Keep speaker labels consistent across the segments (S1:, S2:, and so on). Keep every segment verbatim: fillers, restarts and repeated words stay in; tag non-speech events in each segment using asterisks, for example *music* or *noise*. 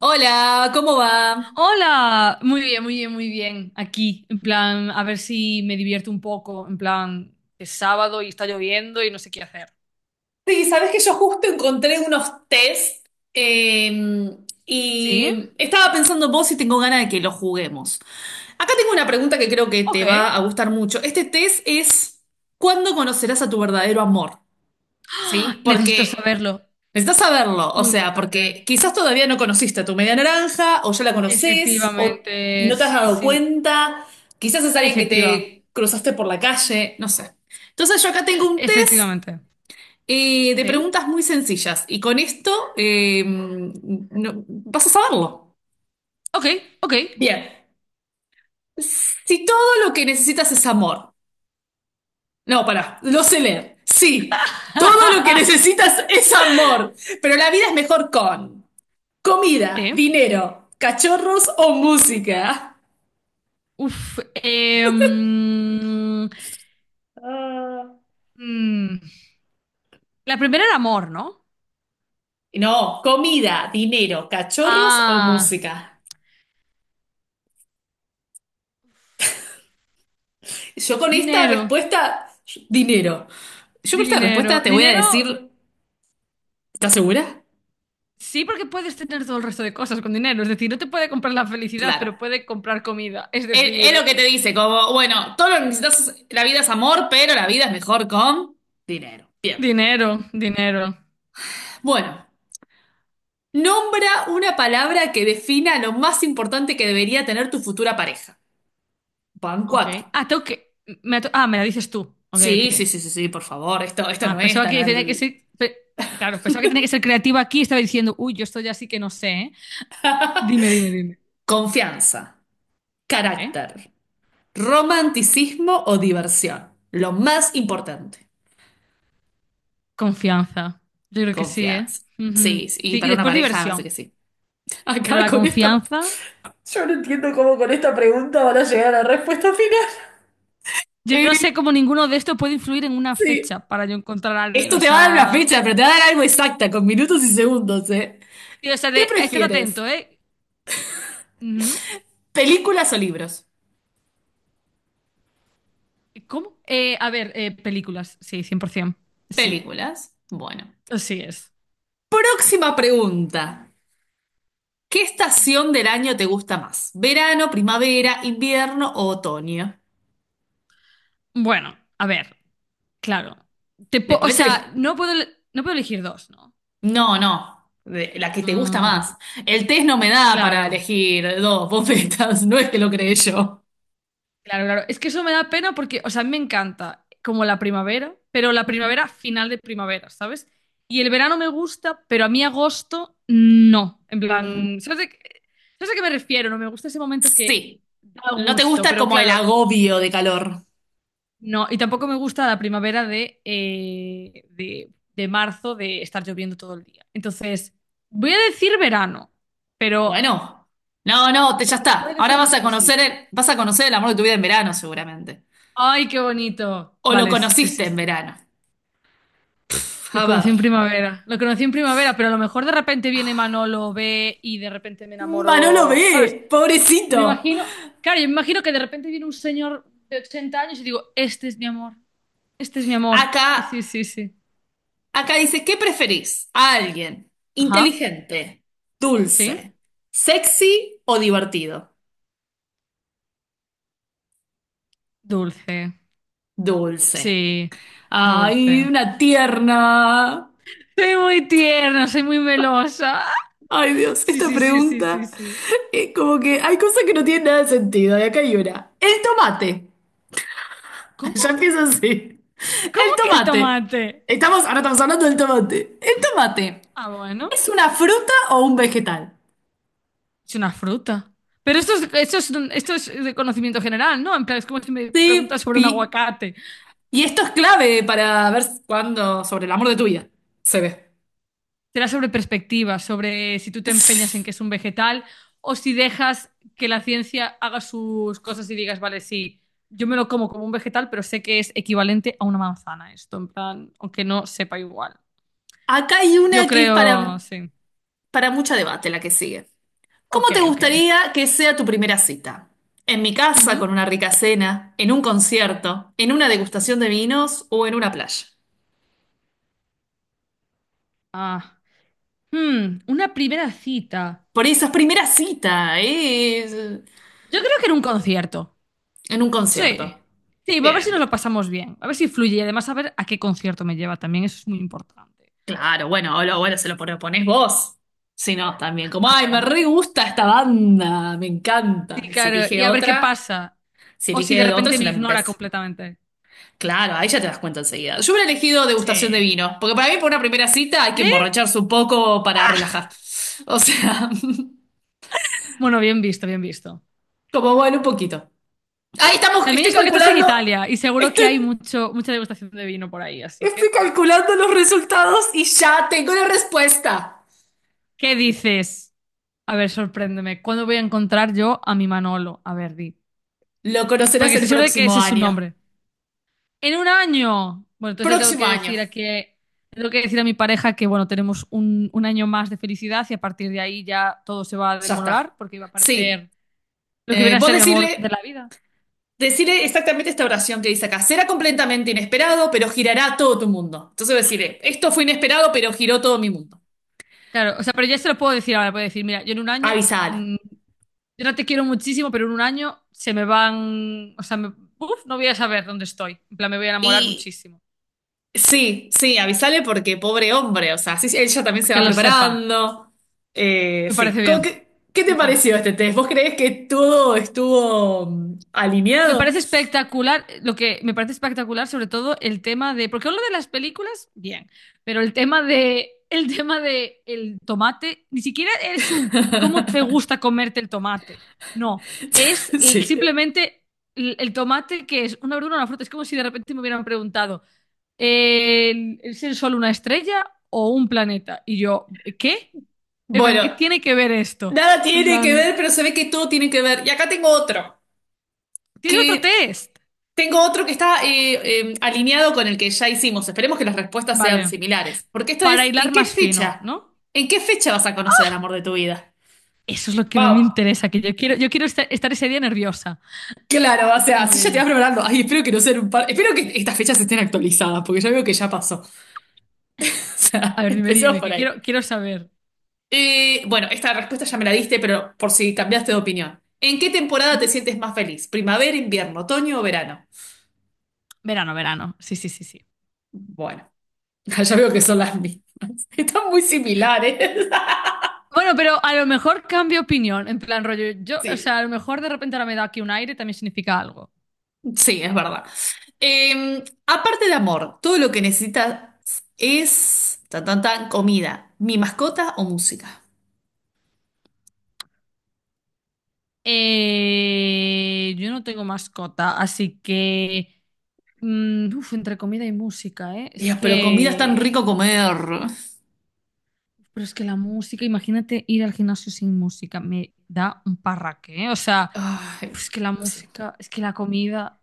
S1: Hola, ¿cómo va?
S2: Hola, muy bien, muy bien, muy bien. Aquí, en plan, a ver si me divierto un poco, en plan, es sábado y está lloviendo y no sé qué hacer.
S1: Sí, sabes que yo justo encontré unos test eh,
S2: ¿Sí?
S1: y estaba pensando en vos y tengo ganas de que los juguemos. Acá tengo una pregunta que creo que
S2: Ok.
S1: te va a gustar mucho. Este test es ¿cuándo conocerás a tu verdadero amor? ¿Sí?
S2: Necesito
S1: Porque
S2: saberlo.
S1: necesitas saberlo, o
S2: Muy
S1: sea, porque
S2: importante.
S1: quizás todavía no conociste a tu media naranja o ya la conoces o, y
S2: Efectivamente,
S1: no te has
S2: sí,
S1: dado
S2: sí.
S1: cuenta. Quizás es alguien que
S2: Efectiva.
S1: te cruzaste por la calle, no sé. Entonces yo acá tengo un test.
S2: Efectivamente.
S1: Eh, de
S2: ¿Sí?
S1: preguntas muy sencillas. Y con esto eh, no- vas a saberlo.
S2: Ok, ok.
S1: Bien. Si todo lo que necesitas es amor. No, pará, lo sé leer. Sí, todo lo que
S2: *laughs*
S1: necesitas es amor. Pero la vida es mejor con comida,
S2: Sí.
S1: dinero, cachorros o música.
S2: Uf. em,
S1: Ah,
S2: mm, la primera era amor, ¿no?
S1: no, comida, dinero, cachorros o
S2: Ah.
S1: música. Yo con esta
S2: Dinero,
S1: respuesta, dinero. Yo con esta respuesta
S2: dinero,
S1: te voy a
S2: dinero,
S1: decir, ¿estás segura?
S2: sí, porque puedes tener todo el resto de cosas con dinero. Es decir, no te puede comprar la felicidad,
S1: Claro.
S2: pero puede comprar comida. Es
S1: Es, es lo
S2: decir,
S1: que te dice, como, bueno, todo lo que necesitas, es- la vida es amor, pero la vida es mejor con dinero. Bien.
S2: dinero, dinero.
S1: Bueno, nombra una palabra que defina lo más importante que debería tener tu futura pareja. Van
S2: Ok.
S1: cuatro.
S2: Ah, tengo que. Me ha to- ah, Me la dices tú. Ok, ok.
S1: Sí, sí, sí, sí, sí, por favor, esto, esto no
S2: Ah,
S1: es
S2: pensaba
S1: tan
S2: que tenía que
S1: al...
S2: ser. pe- Claro, pensaba que tenía que ser creativa aquí y estaba diciendo, uy, yo esto ya sí que no sé, ¿eh? Dime, dime, dime.
S1: Confianza,
S2: ¿Eh?
S1: carácter, romanticismo o diversión. Lo más importante,
S2: Confianza. Yo creo que sí, ¿eh?
S1: confianza.
S2: Ujú.
S1: Sí, sí, y
S2: Sí, y
S1: para una
S2: después
S1: pareja, me parece
S2: diversión.
S1: que sí. *laughs*
S2: Pero
S1: Acá
S2: la
S1: con esta...
S2: confianza.
S1: Yo no entiendo cómo con esta pregunta van a llegar a la respuesta final.
S2: Yo
S1: Eh,
S2: no sé cómo ninguno de estos puede influir en una
S1: sí.
S2: fecha para yo encontrar a alguien.
S1: Esto
S2: O
S1: te va a dar una
S2: sea,
S1: fecha, pero te va a dar algo exacta, con minutos y segundos, ¿eh?
S2: tío, o sea,
S1: ¿Qué
S2: de, estate
S1: prefieres?
S2: atento, ¿eh? Ujú.
S1: ¿Películas o libros?
S2: ¿Cómo? Eh, a ver, eh, películas, sí, cien por ciento. Sí,
S1: Películas. Bueno.
S2: así es.
S1: Próxima pregunta. ¿Qué estación del año te gusta más? ¿Verano, primavera, invierno o otoño?
S2: Bueno, a ver, claro. Te
S1: Le
S2: po- o
S1: podés elegir.
S2: sea, no puedo, el- no puedo elegir dos, ¿no?
S1: No, no. De- la que te gusta
S2: Mm,
S1: más. El test no me da para
S2: claro.
S1: elegir dos bofetas, *laughs* no es que lo creé yo.
S2: Claro, claro. Es que eso me da pena porque, o sea, a mí me encanta como la primavera, pero la primavera final de primavera, ¿sabes? Y el verano me gusta, pero a mí agosto no. En
S1: Ujú.
S2: plan, ¿sabes, de qué- ¿sabes a qué me refiero? No me gusta ese momento que
S1: Sí.
S2: da
S1: ¿No te
S2: gusto,
S1: gusta
S2: pero
S1: como el
S2: claro,
S1: agobio de calor?
S2: no. Y tampoco me gusta la primavera de, eh, de, de marzo, de estar lloviendo todo el día. Entonces, voy a decir verano, pero
S1: Bueno, no, no, te- ya
S2: se
S1: está.
S2: pueden
S1: Ahora
S2: hacer
S1: vas
S2: más
S1: a conocer
S2: cositas.
S1: el, vas a conocer el amor de tu vida en verano, seguramente.
S2: ¡Ay, qué bonito!
S1: O lo
S2: Vale, sí, sí,
S1: conociste
S2: sí,
S1: en
S2: sí.
S1: verano.
S2: Lo
S1: A
S2: conocí
S1: ver.
S2: en primavera. Lo conocí en primavera, pero a lo mejor de repente viene Manolo, ve y de repente me
S1: Manolo
S2: enamoro,
S1: ve,
S2: ¿sabes?
S1: pobrecito.
S2: Me imagino, claro, yo me imagino que de repente viene un señor de ochenta años y digo, este es mi amor, este es mi amor.
S1: Acá,
S2: Sí, sí, sí, sí.
S1: acá dice, ¿qué preferís? ¿A alguien
S2: Ajá,
S1: inteligente,
S2: sí.
S1: dulce, sexy o divertido?
S2: Dulce,
S1: Dulce.
S2: sí,
S1: Ay,
S2: dulce.
S1: una tierna.
S2: Soy muy tierna, soy muy melosa.
S1: Ay, Dios,
S2: Sí,
S1: esta
S2: sí, sí, sí, sí,
S1: pregunta
S2: sí.
S1: es como que hay cosas que no tienen nada de sentido, y acá hay una. El tomate. *laughs*
S2: ¿Cómo?
S1: Ya empieza así.
S2: ¿Cómo
S1: El
S2: que el
S1: tomate.
S2: tomate?
S1: Estamos, ahora estamos hablando del tomate. El tomate,
S2: Ah, bueno.
S1: ¿es una fruta o un vegetal?
S2: Es una fruta. Pero esto es, esto es, esto es de conocimiento general, ¿no? En plan, es como si me
S1: Sí,
S2: preguntas sobre un
S1: pi.
S2: aguacate.
S1: Y esto es clave para ver cuándo, sobre el amor de tu vida, se ve.
S2: Será sobre perspectivas, sobre si tú te empeñas en que es un vegetal o si dejas que la ciencia haga sus cosas y digas, vale, sí, yo me lo como como un vegetal, pero sé que es equivalente a una manzana esto, en plan, aunque no sepa igual.
S1: Acá hay
S2: Yo
S1: una que es
S2: creo,
S1: para,
S2: sí.
S1: para mucho debate, la que sigue. ¿Cómo
S2: Ok,
S1: te
S2: ok.
S1: gustaría que sea tu primera cita? ¿En mi casa
S2: Ujú.
S1: con una rica cena, en un concierto, en una degustación de vinos o en una playa?
S2: Ah. Hmm, una primera cita.
S1: Por esas primeras citas, en
S2: Yo creo que en un concierto.
S1: un
S2: Sí,
S1: concierto.
S2: sí, va a ver si
S1: Bien,
S2: nos
S1: bien.
S2: lo pasamos bien, a ver si fluye y además a ver a qué concierto me lleva también, eso es muy importante.
S1: Claro, bueno, o lo- bueno, se lo propones vos. Si no, también como,
S2: Ah,
S1: ay, me
S2: bueno.
S1: re gusta esta banda, me encanta.
S2: Sí,
S1: Si
S2: claro,
S1: elige
S2: y a ver qué
S1: otra,
S2: pasa.
S1: si
S2: O si de
S1: elige otra
S2: repente
S1: es
S2: me
S1: una
S2: ignora
S1: imbécil.
S2: completamente.
S1: Claro, ahí ya te das cuenta enseguida. Yo hubiera elegido degustación de
S2: Sí.
S1: vino, porque para mí, por una primera cita, hay que
S2: ¿Sí?
S1: emborracharse un poco para relajar. O sea, *laughs*
S2: Bueno, bien visto, bien visto.
S1: como bueno, un poquito. Ahí estamos,
S2: También
S1: estoy
S2: es porque estás en
S1: calculando,
S2: Italia y seguro que
S1: estoy,
S2: hay mucho, mucha degustación de vino por ahí, así
S1: estoy
S2: que.
S1: calculando los resultados y ya tengo la respuesta.
S2: ¿Qué dices? A ver, sorpréndeme. ¿Cuándo voy a encontrar yo a mi Manolo? A ver, di.
S1: Lo conocerás
S2: Porque
S1: el
S2: estoy seguro de que
S1: próximo
S2: ese es su
S1: año.
S2: nombre. En un año. Bueno, entonces tengo
S1: Próximo
S2: que
S1: año.
S2: decir a que tengo que decir a mi pareja que bueno, tenemos un, un año más de felicidad y a partir de ahí ya todo se va a
S1: Ya
S2: demorar
S1: está.
S2: porque va a
S1: Sí.
S2: parecer lo que
S1: Eh,
S2: viene a
S1: vos
S2: ser mi amor de
S1: decirle,
S2: la vida.
S1: decirle exactamente esta oración que dice acá. Será completamente inesperado, pero girará todo tu mundo. Entonces decirle, esto fue inesperado, pero giró todo mi mundo.
S2: Claro, o sea, pero ya se lo puedo decir ahora, puedo decir, mira, yo en un año,
S1: Avisale.
S2: mm, yo no te quiero muchísimo, pero en un año se me van, o sea, me- uf, no voy a saber dónde estoy. En plan, me voy a enamorar
S1: Y
S2: muchísimo.
S1: sí, sí, avisale porque pobre hombre, o sea, sí, sí, ella también se
S2: Que
S1: va
S2: lo sepa.
S1: preparando. Eh,
S2: Me
S1: sí.
S2: parece
S1: ¿Cómo
S2: bien.
S1: que- qué, te
S2: Me parece.
S1: pareció este test? ¿Vos creés que todo estuvo mm,
S2: Me
S1: alineado?
S2: parece espectacular, lo que me parece espectacular sobre todo el tema de, porque lo de las películas, bien, pero el tema de, el tema de el tomate, ni siquiera es un cómo te
S1: *laughs*
S2: gusta comerte el tomate, no, es l-
S1: Sí.
S2: simplemente l- el, tomate que es una verdura, una fruta, es como si de repente me hubieran preguntado, eh, ¿es el sol una estrella o un planeta? Y yo, ¿qué? En plan,
S1: Bueno,
S2: ¿qué tiene que ver esto?
S1: nada
S2: En
S1: tiene que
S2: plan,
S1: ver, pero se ve que todo tiene que ver. Y acá tengo otro,
S2: ¿tienes otro
S1: que
S2: test?
S1: tengo otro que está eh, eh, alineado con el que ya hicimos. Esperemos que las respuestas sean
S2: Vale,
S1: similares. Porque esto
S2: para
S1: es,
S2: hilar
S1: ¿en qué
S2: más fino,
S1: fecha?
S2: ¿no?
S1: ¿En qué fecha vas a conocer al amor de tu vida?
S2: Eso es lo que me
S1: Wow,
S2: interesa, que yo quiero, yo quiero estar, estar ese día nerviosa.
S1: claro, o sea,
S2: Dime,
S1: así ya te vas
S2: dime.
S1: preparando. Ay, espero que no sean un par. Espero que estas fechas estén actualizadas, porque ya veo que ya pasó. *laughs* O
S2: A
S1: sea,
S2: ver, dime,
S1: empezó
S2: dime,
S1: por
S2: que
S1: ahí.
S2: quiero, quiero saber.
S1: Eh, bueno, esta respuesta ya me la diste, pero por si cambiaste de opinión. ¿En qué temporada te
S2: ¿Mm?
S1: sientes más feliz? ¿Primavera, invierno, otoño o verano?
S2: Verano, verano. Sí, sí, sí, sí.
S1: Bueno, *laughs* ya veo que son las mismas. Están muy similares. *laughs*
S2: Bueno, pero a lo mejor cambio opinión, en plan rollo. Yo, o
S1: Sí,
S2: sea, a lo mejor de repente ahora me da aquí un aire, también significa algo.
S1: sí, es verdad. Eh, aparte de amor, todo lo que necesitas es tan, tan, tan, comida, mi mascota o música.
S2: Eh, yo no tengo mascota, así que... mm, uf, entre comida y música, ¿eh? Es
S1: Ya, pero comida es tan
S2: que...
S1: rico comer.
S2: Pero es que la música, imagínate ir al gimnasio sin música, me da un parraque, ¿eh? O sea,
S1: Ay,
S2: pues es que la
S1: sí.
S2: música, es que la comida.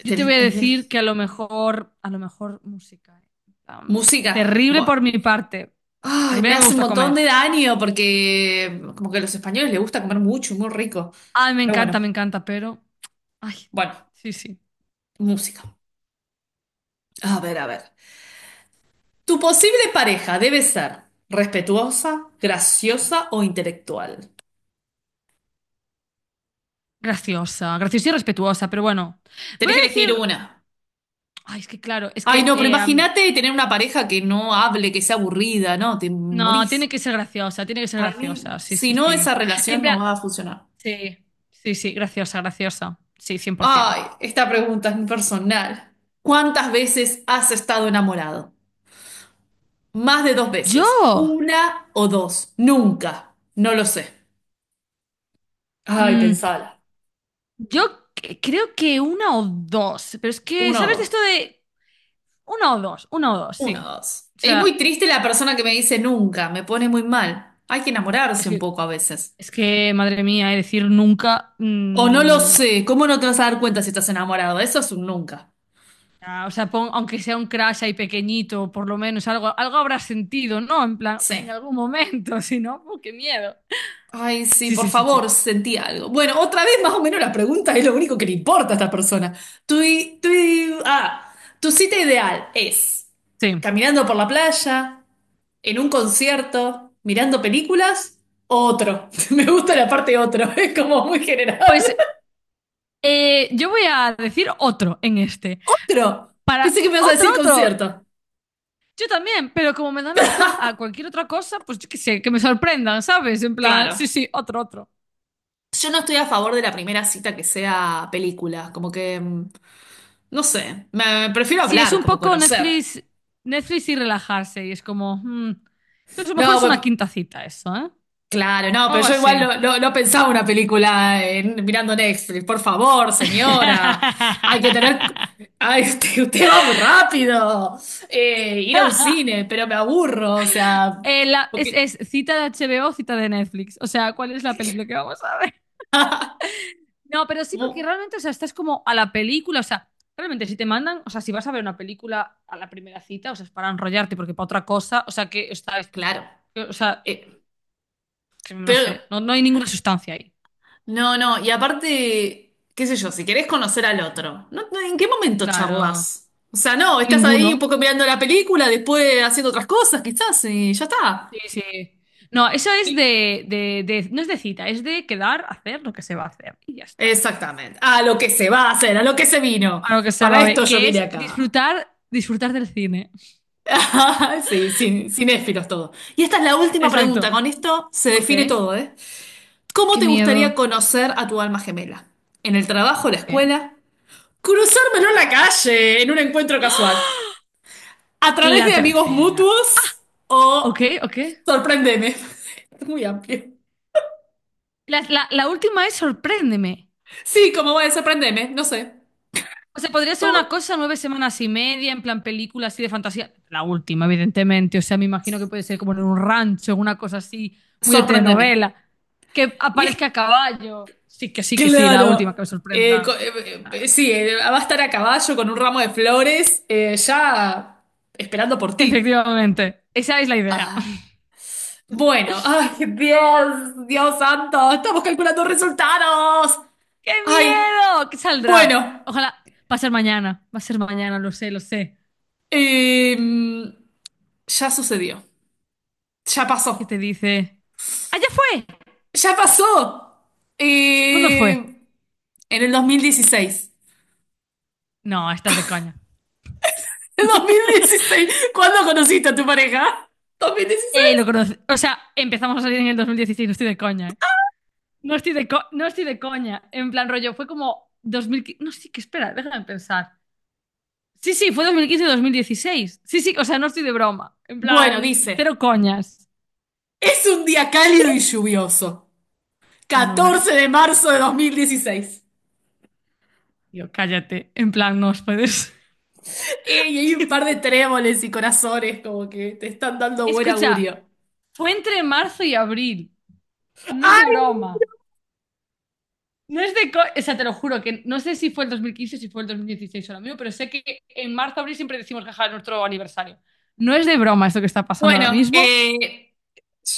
S2: Yo te
S1: Tenés-
S2: voy a
S1: eh,
S2: decir que a lo mejor, a lo mejor música. ¿Eh? En plan,
S1: música.
S2: terrible por mi
S1: Bueno.
S2: parte,
S1: Ay,
S2: porque a
S1: me
S2: mí me
S1: hace un
S2: gusta
S1: montón
S2: comer.
S1: de daño porque como que a los españoles les gusta comer mucho, muy rico.
S2: Ay, me
S1: Pero
S2: encanta,
S1: bueno,
S2: me encanta, pero. Ay,
S1: bueno,
S2: sí, sí.
S1: música. A ver, a ver. Tu posible pareja debe ser respetuosa, graciosa o intelectual.
S2: Graciosa, graciosa y respetuosa, pero bueno. Voy
S1: Tenés que
S2: a
S1: elegir
S2: decir.
S1: una.
S2: Ay, es que claro, es
S1: Ay,
S2: que.
S1: no, pero
S2: Eh, am-
S1: imagínate tener una pareja que no hable, que sea aburrida, ¿no? Te
S2: no, tiene
S1: morís.
S2: que ser graciosa, tiene que ser
S1: Para mí,
S2: graciosa, sí,
S1: si
S2: sí,
S1: no, esa
S2: sí. En
S1: relación no
S2: plan,
S1: va a funcionar.
S2: sí, sí, sí, graciosa, graciosa. Sí, cien por ciento.
S1: Ay, esta pregunta es muy personal. ¿Cuántas veces has estado enamorado? Más de dos veces.
S2: Yo,
S1: ¿Una o dos? Nunca. No lo sé. Ay,
S2: mm,
S1: pensala.
S2: yo c- creo que una o dos, pero es que,
S1: Una o
S2: ¿sabes de
S1: dos.
S2: esto de una o dos? Una o dos, sí.
S1: Una o dos.
S2: O
S1: Es muy
S2: sea,
S1: triste la persona que me dice nunca. Me pone muy mal. Hay que
S2: es
S1: enamorarse un
S2: que,
S1: poco a veces.
S2: es que madre mía, eh, decir nunca,
S1: O no lo
S2: mm,
S1: sé. ¿Cómo no te vas a dar cuenta si estás enamorado? Eso es un nunca.
S2: ah, o sea, pon- aunque sea un crash ahí pequeñito, por lo menos algo, algo habrá sentido, ¿no? En plan,
S1: Sí.
S2: en algún momento, *laughs* si no, ¡uh, qué miedo!
S1: Ay, sí,
S2: Sí,
S1: por
S2: sí, sí,
S1: favor,
S2: sí.
S1: sentí algo. Bueno, otra vez más o menos la pregunta es lo único que le importa a esta persona. Tu, i- tu, i- ah, Tu cita ideal es
S2: Sí.
S1: caminando por la playa, en un concierto, mirando películas, otro. *laughs* Me gusta la parte otro, *laughs* es como muy general.
S2: Pues eh, yo voy a decir otro en este.
S1: Otro.
S2: Para
S1: Pensé que me ibas a
S2: otro,
S1: decir
S2: otro.
S1: concierto.
S2: Yo también, pero como me dan la opción a
S1: *laughs*
S2: cualquier otra cosa, pues yo qué sé, que me sorprendan, ¿sabes? En plan, sí,
S1: Claro.
S2: sí, otro, otro.
S1: Yo no estoy a favor de la primera cita que sea película, como que... mm, no sé, me, me prefiero
S2: Sí, es
S1: hablar,
S2: un
S1: como
S2: poco
S1: conocer.
S2: Netflix, Netflix y relajarse, y es como, mm, a lo mejor es una
S1: No,
S2: quinta cita eso, ¿eh?
S1: claro, no, pero
S2: Algo
S1: yo
S2: así.
S1: igual no, no- no pensaba una película en- mirando Netflix. Por favor, señora. Hay que
S2: *laughs*
S1: tener. Ay, *laughs* usted, usted va muy rápido. Eh, ir a un cine, pero me aburro. O sea,
S2: Eh, la- es,
S1: porque.
S2: es cita de H B O, cita de Netflix. O sea, ¿cuál es la película que vamos a ver?
S1: *laughs*
S2: No, pero sí, porque
S1: Bu-
S2: realmente, o sea, estás como a la película, o sea, realmente si te mandan, o sea, si vas a ver una película a la primera cita, o sea, es para enrollarte, porque para otra cosa, o sea, que estás,
S1: Claro.
S2: que- o sea,
S1: Eh,
S2: que no
S1: pero,
S2: sé, no, no hay ninguna sustancia ahí.
S1: no, no, y aparte, qué sé yo, si querés conocer al otro, ¿no? No, ¿en qué momento
S2: Claro,
S1: charlas? O sea, no, estás ahí un
S2: ninguno.
S1: poco mirando la película, después haciendo otras cosas, quizás, y ya está.
S2: Sí, sí. No, eso es de, de, de- no es de cita, es de quedar, hacer lo que se va a hacer y ya está.
S1: Exactamente. A lo que se va a hacer, a lo que se vino.
S2: A lo que se
S1: Para
S2: va a ver,
S1: esto yo
S2: que
S1: vine
S2: es
S1: acá.
S2: disfrutar, disfrutar del cine.
S1: *laughs* Sí, sin, cinéfilos todo. Y esta es la última pregunta.
S2: Exacto.
S1: Con esto se
S2: Ok.
S1: define todo, ¿eh? ¿Cómo
S2: Qué
S1: te gustaría
S2: miedo.
S1: conocer a tu alma gemela? ¿En el trabajo, la
S2: Ok.
S1: escuela? ¿Cruzármelo en la calle, en un encuentro casual?
S2: ¡Ah!
S1: ¿A través
S2: La
S1: de amigos
S2: tercera.
S1: mutuos?
S2: Ok,
S1: ¿O
S2: ok.
S1: sorprendeme? *laughs* Es muy amplio.
S2: La, la- la última es Sorpréndeme.
S1: Sí, como voy a sorprendeme, no sé.
S2: O sea, podría ser
S1: Todo
S2: una cosa Nueve semanas y media, en plan película así de fantasía. La última, evidentemente. O sea, me imagino que puede ser como en un rancho, en una cosa así, muy de
S1: sorprendeme.
S2: telenovela. Que
S1: Y es
S2: aparezca a caballo. Sí, que sí, que sí, la
S1: claro.
S2: última, que me
S1: Eh, co-
S2: sorprenda.
S1: eh, eh,
S2: Claro.
S1: sí, eh, va a estar a caballo con un ramo de flores, eh, ya esperando por ti.
S2: Efectivamente, esa es la idea.
S1: Ah,
S2: *laughs*
S1: bueno, *laughs* ay, Dios, Dios santo, estamos calculando resultados.
S2: ¡Qué
S1: Ay,
S2: miedo! ¿Qué saldrá?
S1: bueno,
S2: Ojalá. Va a ser mañana, va a ser mañana, lo sé, lo sé.
S1: em, ya sucedió, ya pasó,
S2: ¿Qué te dice? ¡Allá fue!
S1: ya pasó.
S2: ¿Cuándo
S1: Eh,
S2: fue?
S1: en el dos mil dieciséis.
S2: No, estás de caña.
S1: *laughs* ¿En
S2: *laughs*
S1: dos mil dieciséis? ¿Cuándo conociste a tu pareja?
S2: Eh, lo
S1: ¿dos mil dieciséis?
S2: conocí. O sea, empezamos a salir en el dos mil dieciséis, no estoy de coña, ¿eh? No estoy de, co- no estoy de coña. En plan, rollo, fue como dos mil quince. No, sí, que espera, déjame pensar. Sí, sí, fue dos dos mil quince, mil dieciséis. Sí, sí, o sea, no estoy de broma. En
S1: Bueno,
S2: plan,
S1: dice.
S2: cero coñas.
S1: Es un día cálido y lluvioso.
S2: Bueno,
S1: Catorce
S2: bueno,
S1: de marzo de 2016.
S2: tío, cállate. En plan, no os puedes.
S1: Eh, Y
S2: *laughs*
S1: hay un
S2: Tío,
S1: par de tréboles y corazones como que te están dando buen
S2: escucha,
S1: augurio.
S2: fue entre marzo y abril. No es
S1: ¡Ay,
S2: de
S1: no!
S2: broma. No es de. Co- O sea, te lo juro que no sé si fue el dos mil quince, si fue el dos mil dieciséis o lo mismo, pero sé que en marzo, abril siempre decimos que es nuestro aniversario. No es de broma esto que está pasando ahora
S1: Bueno,
S2: mismo.
S1: eh,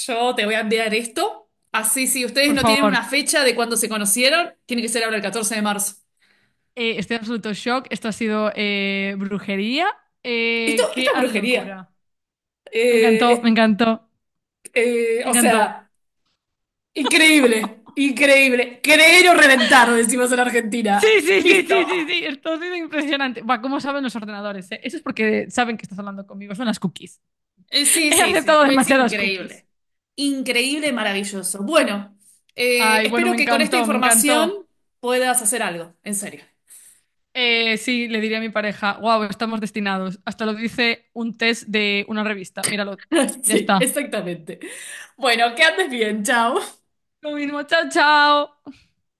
S1: yo te voy a enviar esto. Así, si ustedes
S2: Por
S1: no tienen
S2: favor,
S1: una fecha de cuándo se conocieron, tiene que ser ahora el catorce de marzo.
S2: eh, estoy en absoluto shock. Esto ha sido eh, brujería.
S1: Esto,
S2: Eh,
S1: esta
S2: qué
S1: es brujería.
S2: locura. Me
S1: Eh,
S2: encantó, me
S1: es-
S2: encantó,
S1: eh,
S2: me
S1: o
S2: encantó.
S1: sea, increíble, increíble. Creer o reventar, decimos en
S2: Sí,
S1: Argentina.
S2: sí, sí,
S1: Listo.
S2: sí, sí, sí. Esto ha sido impresionante. Buah, ¿cómo saben los ordenadores, eh? Eso es porque saben que estás hablando conmigo. Son las cookies.
S1: Eh,
S2: *laughs*
S1: Sí,
S2: He
S1: sí, sí,
S2: aceptado
S1: es
S2: demasiadas cookies.
S1: increíble. Increíble, maravilloso. Bueno, eh,
S2: Ay, bueno,
S1: espero
S2: me
S1: que con esta
S2: encantó, me
S1: información
S2: encantó.
S1: puedas hacer algo, en serio.
S2: Eh, sí, le diría a mi pareja, wow, estamos destinados. Hasta lo dice un test de una revista. Míralo.
S1: *laughs*
S2: Ya
S1: Sí,
S2: está.
S1: exactamente. Bueno, que andes bien, chao.
S2: Lo mismo, chao, chao.